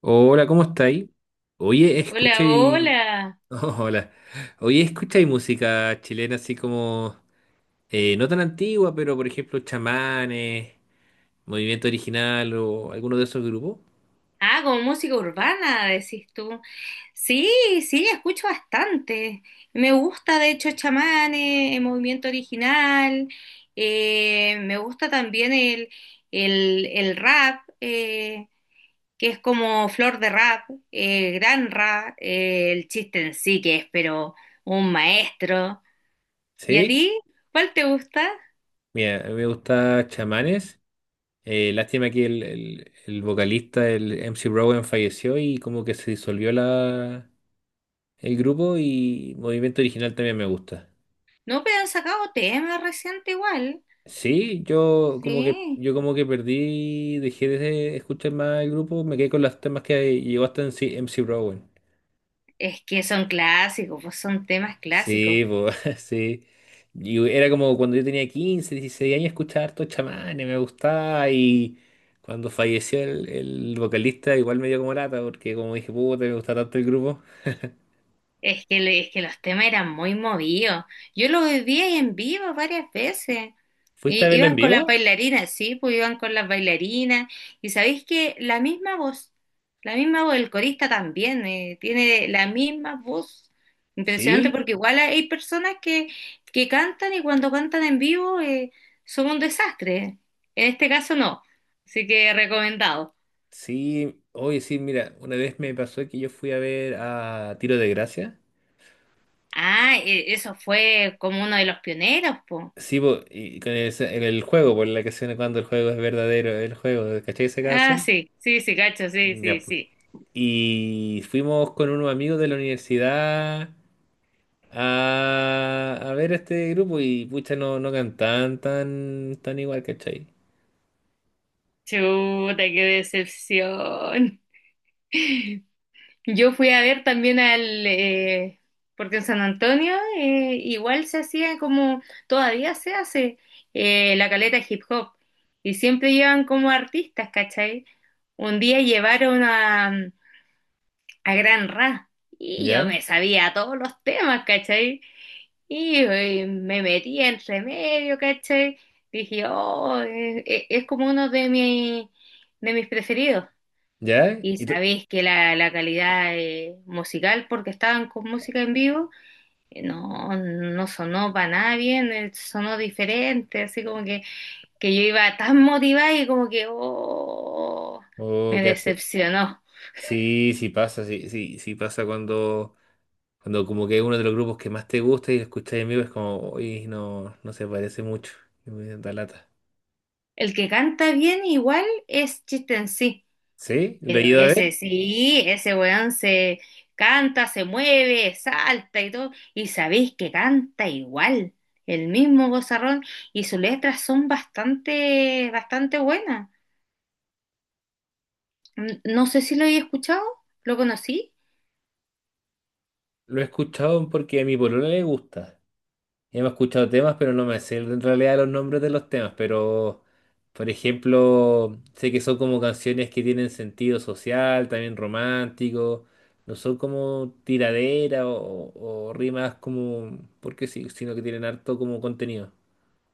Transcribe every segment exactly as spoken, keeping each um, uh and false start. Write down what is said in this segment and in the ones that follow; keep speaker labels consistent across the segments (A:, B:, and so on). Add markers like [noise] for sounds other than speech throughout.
A: Hola, ¿cómo estáis? Oye,
B: Hola,
A: escuché...
B: hola.
A: [laughs] hola. Oye, escucháis música chilena así como... eh, no tan antigua, pero por ejemplo, Chamanes, Movimiento Original o alguno de esos grupos.
B: Ah, como música urbana, decís tú. Sí, sí, escucho bastante. Me gusta, de hecho, Chamanes, el Movimiento Original. Eh, me gusta también el, el, el rap, eh, que es como Flor de Rap, eh, Gran Rap, eh, el Chiste en Sí que es, pero un maestro. ¿Y a
A: ¿Sí?
B: ti? ¿Cuál te gusta?
A: Mira, a mí me gusta Chamanes. Eh, lástima que el, el- el vocalista, el M C Rowan, falleció y como que se disolvió la, el grupo, y Movimiento Original también me gusta.
B: No, pero han sacado temas reciente igual.
A: Sí, yo como que
B: Sí.
A: yo como que perdí, dejé de escuchar más el grupo, me quedé con los temas que llegó hasta en MC, M C Rowan.
B: Es que son clásicos, pues son temas clásicos.
A: Sí, po, [laughs] sí. Y era como cuando yo tenía quince dieciséis años, escuchaba harto chamanes, me gustaba. Y cuando falleció el, el vocalista, igual me dio como lata, porque como dije, puta, me gusta tanto el grupo.
B: Es que, le- es que los temas eran muy movidos. Yo lo viví ahí en vivo varias veces.
A: ¿Fuiste a
B: Y
A: verlo en
B: iban con las
A: vivo?
B: bailarinas, sí, pues iban con las bailarinas. Y sabéis que la misma voz, la misma voz, el corista también, eh, tiene la misma voz. Impresionante
A: Sí,
B: porque igual hay personas que, que cantan y cuando cantan en vivo eh, son un desastre. En este caso no. Así que recomendado.
A: sí. Oye, sí, mira, una vez me pasó que yo fui a ver a Tiro de Gracia.
B: Ah, e- eso fue como uno de los pioneros, po.
A: Sí, po, y con ese- en el juego, por la canción cuando el juego es verdadero, el juego, ¿cachai esa
B: Ah,
A: canción?
B: sí, sí, sí, cacho, sí,
A: Ya,
B: sí,
A: po.
B: sí.
A: Y fuimos con unos amigos de la universidad a, a ver este grupo y pucha, no, no cantaban tan, tan igual, ¿cachai?
B: Chuta, qué decepción. [laughs] Yo fui a ver también al, eh, porque en San Antonio eh, igual se hacía como, todavía se hace eh, la caleta hip hop y siempre llevan como artistas, ¿cachai? Un día llevaron a, a Gran Ra y yo
A: ¿Ya?
B: me sabía todos los temas, ¿cachai? Y, eh, me metí entre medio, ¿cachai? Dije, oh, eh, eh, es, como uno de mis, de mis preferidos.
A: ¿Ya?
B: Y
A: ¿Y tú?
B: sabéis que la, la calidad eh, musical, porque estaban con música en vivo, eh, no, no sonó para nada bien, eh, sonó diferente, así como que, que yo iba tan motivada y como que, oh,
A: Oh,
B: me
A: quedaste.
B: decepcionó.
A: Sí, sí pasa, sí, sí, sí pasa cuando, cuando como que es uno de los grupos que más te gusta y lo escuchas en vivo es como, uy, no, no se parece mucho, y me da lata.
B: El que canta bien igual es Chiste en Sí.
A: ¿Sí? ¿Lo he
B: Pero
A: ido a ver?
B: ese sí, ese weón se canta, se mueve, salta y todo. Y sabéis que canta igual, el mismo gozarrón. Y sus letras son bastante, bastante buenas. N- No sé si lo he escuchado, ¿lo conocí?
A: Lo he escuchado porque a mi polola le gusta. Ya me he escuchado temas, pero no me sé en realidad los nombres de los temas. Pero, por ejemplo, sé que son como canciones que tienen sentido social, también romántico. No son como tiradera o, o rimas como, porque sí, sino que tienen harto como contenido.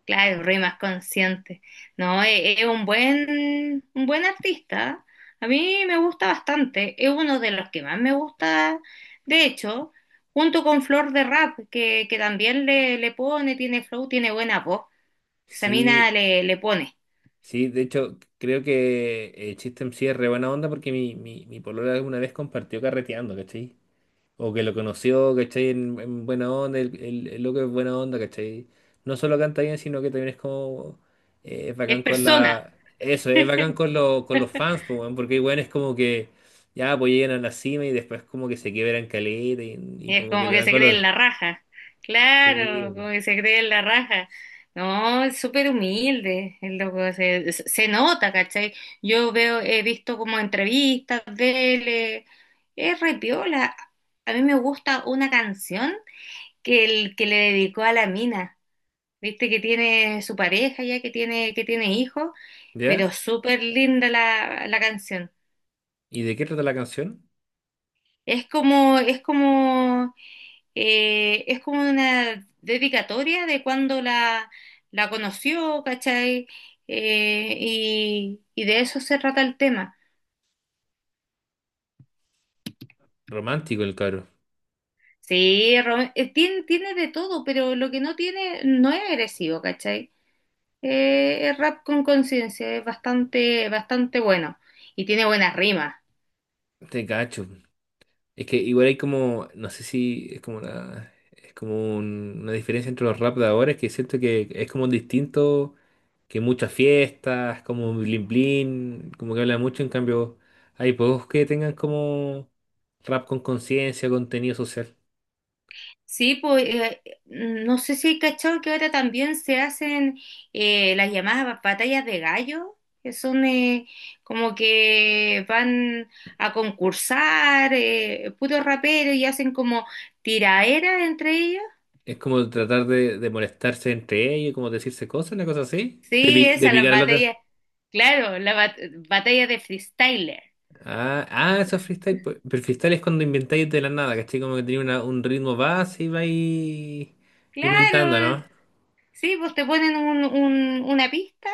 B: Claro, re más consciente. No, e- es un buen, un buen artista. A mí me gusta bastante. Es uno de los que más me gusta, de hecho, junto con Flor de Rap, que, que también le, le pone, tiene flow, tiene buena voz. Esa
A: Sí,
B: mina le, le pone.
A: sí, de hecho, creo que el System sí es re buena onda porque mi, mi, mi polola alguna vez compartió carreteando, ¿cachai? O que lo conoció, ¿cachai? En, en buena onda, el, el, el loco es buena onda, ¿cachai? No solo canta bien, sino que también es como... eh, es bacán
B: Es
A: con
B: persona.
A: la... Eso, es bacán con, lo- con los fans, po, weón, porque bueno, es como que ya pues llegan a la cima y después como que se quiebran caleta y, y
B: Y es
A: como que
B: como
A: le
B: que
A: dan
B: se cree
A: color.
B: en la raja. Claro,
A: Sí.
B: como que se cree en la raja. No, es súper humilde el loco. Se, se- se nota, ¿cachai? Yo veo, he visto como entrevistas de él. eh, Es re piola. A mí me gusta una canción que, el, que le dedicó a la mina. Viste que tiene su pareja ya, que tiene, que tiene hijos,
A: ¿Ya?
B: pero súper linda la, la canción.
A: ¿Y de qué trata la canción?
B: Es como, es como eh, es como una dedicatoria de cuando la, la conoció, ¿cachai? Eh, y, y de eso se trata el tema.
A: Romántico el cabro.
B: Sí, Rome- eh, tiene, tiene de todo, pero lo que no tiene no es agresivo, ¿cachai? Eh, es rap con conciencia, es bastante, bastante bueno y tiene buenas rimas.
A: Te cacho. Es que igual hay como, no sé si es como una, es como un- una diferencia entre los rap de ahora, es que siento que es como distinto, que muchas fiestas, como blin blin, como que habla mucho, en cambio hay pocos que tengan como rap con conciencia, contenido social.
B: Sí, pues eh, no sé si hay cachado que ahora también se hacen eh, las llamadas ba- batallas de gallo, que son eh, como que van a concursar eh, puros raperos y hacen como tiraera entre ellos.
A: Es como tratar de, de molestarse entre ellos, como decirse cosas, una cosa así, de,
B: Sí,
A: pi- de
B: esas las
A: picar al otro.
B: batallas, claro, las bat- batallas de freestyler.
A: Ah, ah, eso es freestyle. Pues. Pero freestyle es cuando inventáis de la nada, ¿cachai? Como que tenía una- un ritmo base y vais inventando,
B: Claro,
A: ¿no?
B: sí, pues te ponen un- un- una pista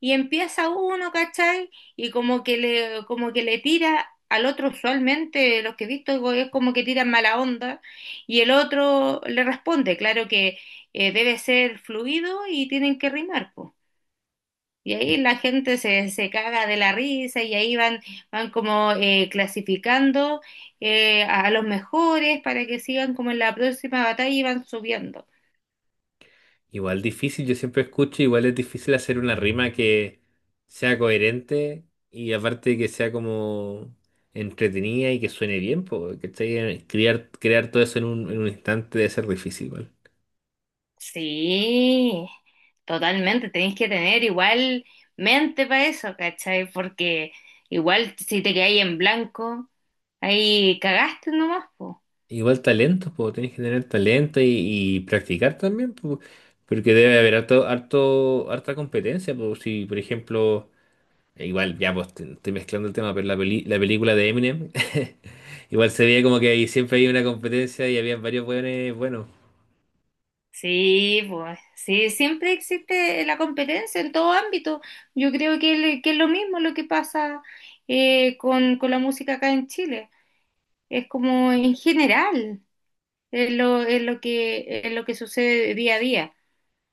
B: y empieza uno, ¿cachai? Y como que le, como que le tira al otro, usualmente los que he visto go- es como que tiran mala onda y el otro le responde, claro que eh, debe ser fluido y tienen que rimar, pues. Y ahí
A: Sí.
B: la gente se, se caga de la risa y ahí van, van como eh, clasificando eh, a los mejores para que sigan como en la próxima batalla y van subiendo.
A: Igual difícil, yo siempre escucho, igual es difícil hacer una rima que sea coherente y aparte que sea como entretenida y que suene bien, po, ¿cachai? Crear, crear todo eso en un, en un instante debe ser difícil, igual.
B: Sí, totalmente, tenéis que tener igual mente para eso, ¿cachai? Porque igual si te quedáis en blanco, ahí cagaste nomás, pues.
A: Igual talento, pues tenés que tener talento y, y practicar también, pues, porque debe haber harto, harto, harta competencia, pues si por ejemplo, eh, igual ya pues te- estoy mezclando el tema, pero la peli- la película de Eminem, [laughs] igual se veía como que ahí siempre hay una competencia y había varios buenos, bueno,
B: Sí, pues, sí, siempre existe la competencia en todo ámbito. Yo creo que, le- que es lo mismo lo que pasa eh, con, con la música acá en Chile. Es como en general, es lo, es lo que, es lo que sucede día a día.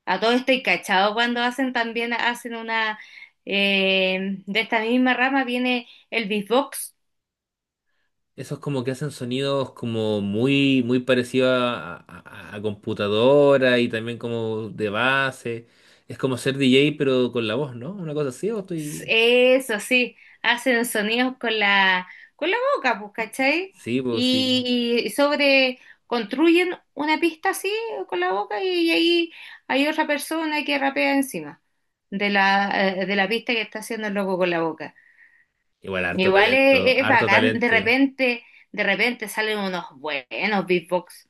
B: A todo esto y cachado cuando hacen también, hacen una, eh, de esta misma rama viene el beatbox.
A: esos como que hacen sonidos como muy, muy parecidos a, a- a computadora y también como de base, es como ser D J pero con la voz, ¿no? Una cosa así, o
B: S-
A: estoy...
B: eso sí, hacen sonidos con la, con la boca, pues, ¿cachai?
A: Sí, pues sí.
B: Y, y sobre, construyen una pista así con la boca y, ahí hay otra persona que rapea encima de la, eh, de la pista que está haciendo el loco con la boca.
A: Igual, harto
B: Igual es,
A: talento,
B: es
A: harto
B: bacán, de
A: talento.
B: repente, de repente salen unos buenos beatbox.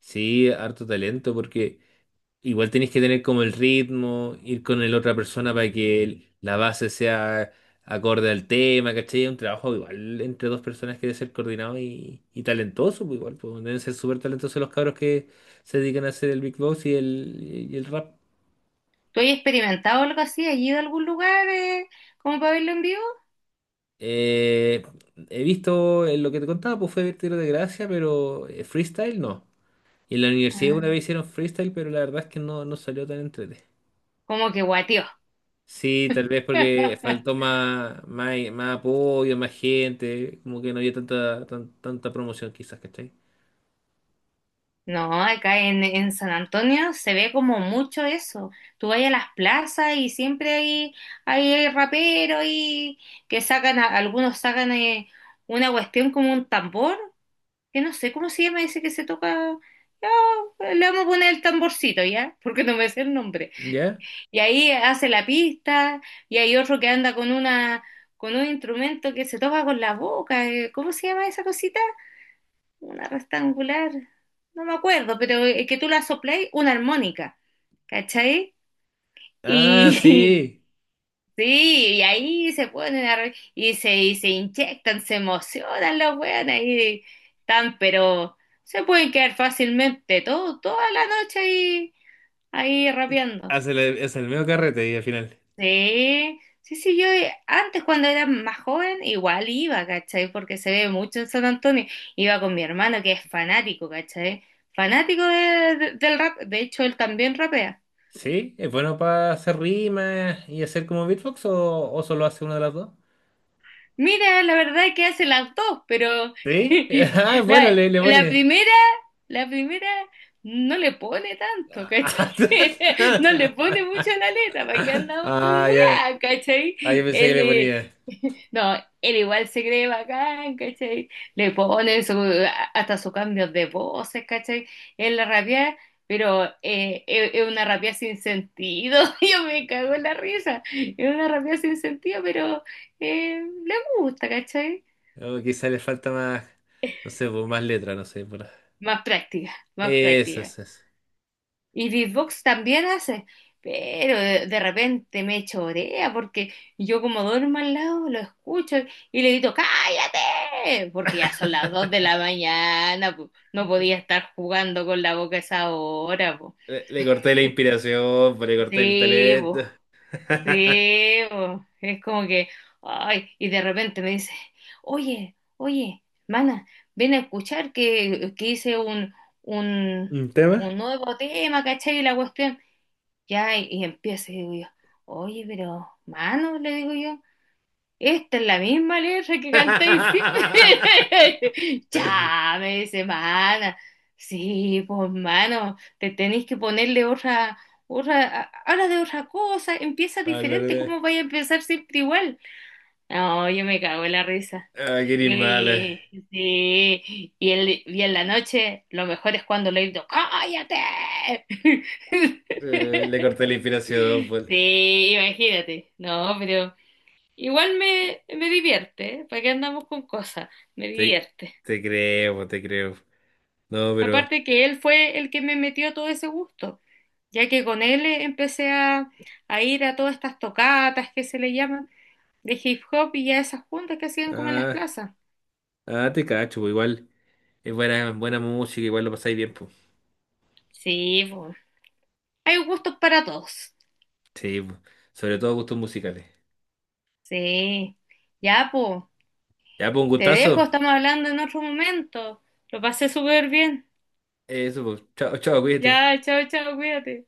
A: Sí, harto talento, porque igual tenéis que tener como el ritmo, ir con el otra persona para que el- la base sea acorde al tema, ¿cachai? Un trabajo igual entre dos personas que debe ser coordinado y, y talentoso, pues igual, pues deben ser súper talentosos los cabros que se dedican a hacer el big boss y el, y el rap.
B: ¿Tú has experimentado algo así? ¿Has ido a algún lugar eh, como para verlo en vivo?
A: Eh, he visto eh, lo que te contaba, pues fue tiro de gracia, pero eh, freestyle no. Y en la universidad una
B: Ah,
A: vez hicieron freestyle, pero la verdad es que no, no salió tan entrete.
B: como que guateó.
A: Sí, tal vez porque faltó
B: [laughs]
A: más, más, más apoyo, más gente, como que no había tanta, tan- tanta promoción quizás, ¿cachai?
B: No, acá en, en San Antonio se ve como mucho eso. Tú vas a las plazas y siempre hay, hay raperos y que sacan, a- algunos sacan eh, una cuestión como un tambor, que no sé cómo se llama ese que se toca. Ya, le vamos a poner el tamborcito, ¿ya? Porque no me sé el nombre.
A: ¿Ya?
B: Y ahí hace la pista, y hay otro que anda con una, con un instrumento que se toca con la boca. eh, ¿Cómo se llama esa cosita? Una rectangular. No me acuerdo, pero eh, que tú la sopléis, una armónica. ¿Cachai?
A: Ah,
B: Y [laughs]
A: sí.
B: sí, y ahí se ponen a re- y se, y se inyectan, se emocionan las weonas y tan, pero se pueden quedar fácilmente todo, toda la noche ahí, ahí rapeando.
A: Hace el, hace el medio carrete y al final.
B: Sí, sí, sí, yo eh, antes cuando era más joven igual iba, ¿cachai? Porque se ve mucho en San Antonio. Iba con mi hermano que es fanático, ¿cachai? Fanático de- de- del rap. De hecho, él también rapea.
A: ¿Sí? ¿Es bueno para hacer rimas y hacer como beatbox o, o solo hace una de las dos?
B: Mira, la verdad que hacen las dos, pero
A: ¿Sí?
B: [laughs]
A: [laughs] Ah, bueno,
B: la,
A: le, le
B: la
A: pone.
B: primera, la primera no le pone tanto, ¿cachai? [laughs] No le pone
A: [laughs]
B: mucho a la letra, ¿para qué andamos con
A: Ah, ya.
B: weá, ¿cachai?
A: Ah, yo pensé que
B: Él,
A: le
B: eh,
A: ponía.
B: [laughs] no, él igual se cree bacán, ¿cachai? Le pone su- hasta sus cambios de voces, ¿cachai? En la rabia, pero eh, es es una rabia sin sentido, [laughs] yo me cago en la risa, es una rabia sin sentido, pero eh, le gusta, ¿cachai?
A: O quizá le falta más, no sé, pues, más letra, no sé. Por-
B: Más práctica, más
A: Eso,
B: práctica.
A: eso, eso.
B: Y beatbox también hace, pero de, de repente me chorea porque yo como duermo al lado lo escucho y le grito, ¡cállate! Porque ya son las dos de
A: [laughs]
B: la mañana, po. No podía estar jugando con la boca a esa hora, po.
A: Le, le corté la inspiración, pues, le corté el
B: Sí,
A: talento.
B: po.
A: [laughs]
B: Sí, po, es como que, ay, y de repente me dice, oye, oye, mana, ven a escuchar que, que hice un, un,
A: ¿Un
B: un
A: tema?
B: nuevo tema, ¿cachai? Y la cuestión, ya, y, y empieza, y digo yo, oye, pero, mano, le digo yo, esta es la misma letra que cantáis siempre.
A: [laughs]
B: [laughs] Ya, me dice, mana. Sí, pues, mano, te tenéis que ponerle otra, otra, a- habla de otra cosa, empieza
A: Hablar
B: diferente,
A: de...
B: ¿cómo vais a empezar siempre igual? No, yo me cago en la risa.
A: Ah, qué eres mala.
B: Y, sí, y, el- y en la noche, lo mejor es cuando le digo, ¡cállate!
A: Eh, le
B: [laughs]
A: corté la inspiración, pues.
B: Sí, imagínate. No, pero. Igual me, me divierte, ¿eh? ¿Para qué andamos con cosas? Me
A: Te,
B: divierte.
A: te creo, pues, te creo. No, pero...
B: Aparte que él fue el que me metió todo ese gusto, ya que con él eh, empecé a, a ir a todas estas tocatas que se le llaman de hip hop y a esas juntas que hacían como en las
A: Ah,
B: plazas.
A: ah, te cacho, pues, igual. Es buena, buena música, igual lo pasáis bien, pues.
B: Sí, pues. Hay gustos para todos.
A: Sí, pues. Sobre todo gustos musicales.
B: Sí. Ya, pues.
A: Ya, pues, un
B: Te dejo,
A: gustazo.
B: estamos hablando en otro momento. Lo pasé súper bien.
A: Eso, pues. Chao, chao, cuídate.
B: Ya, chao, chao, cuídate.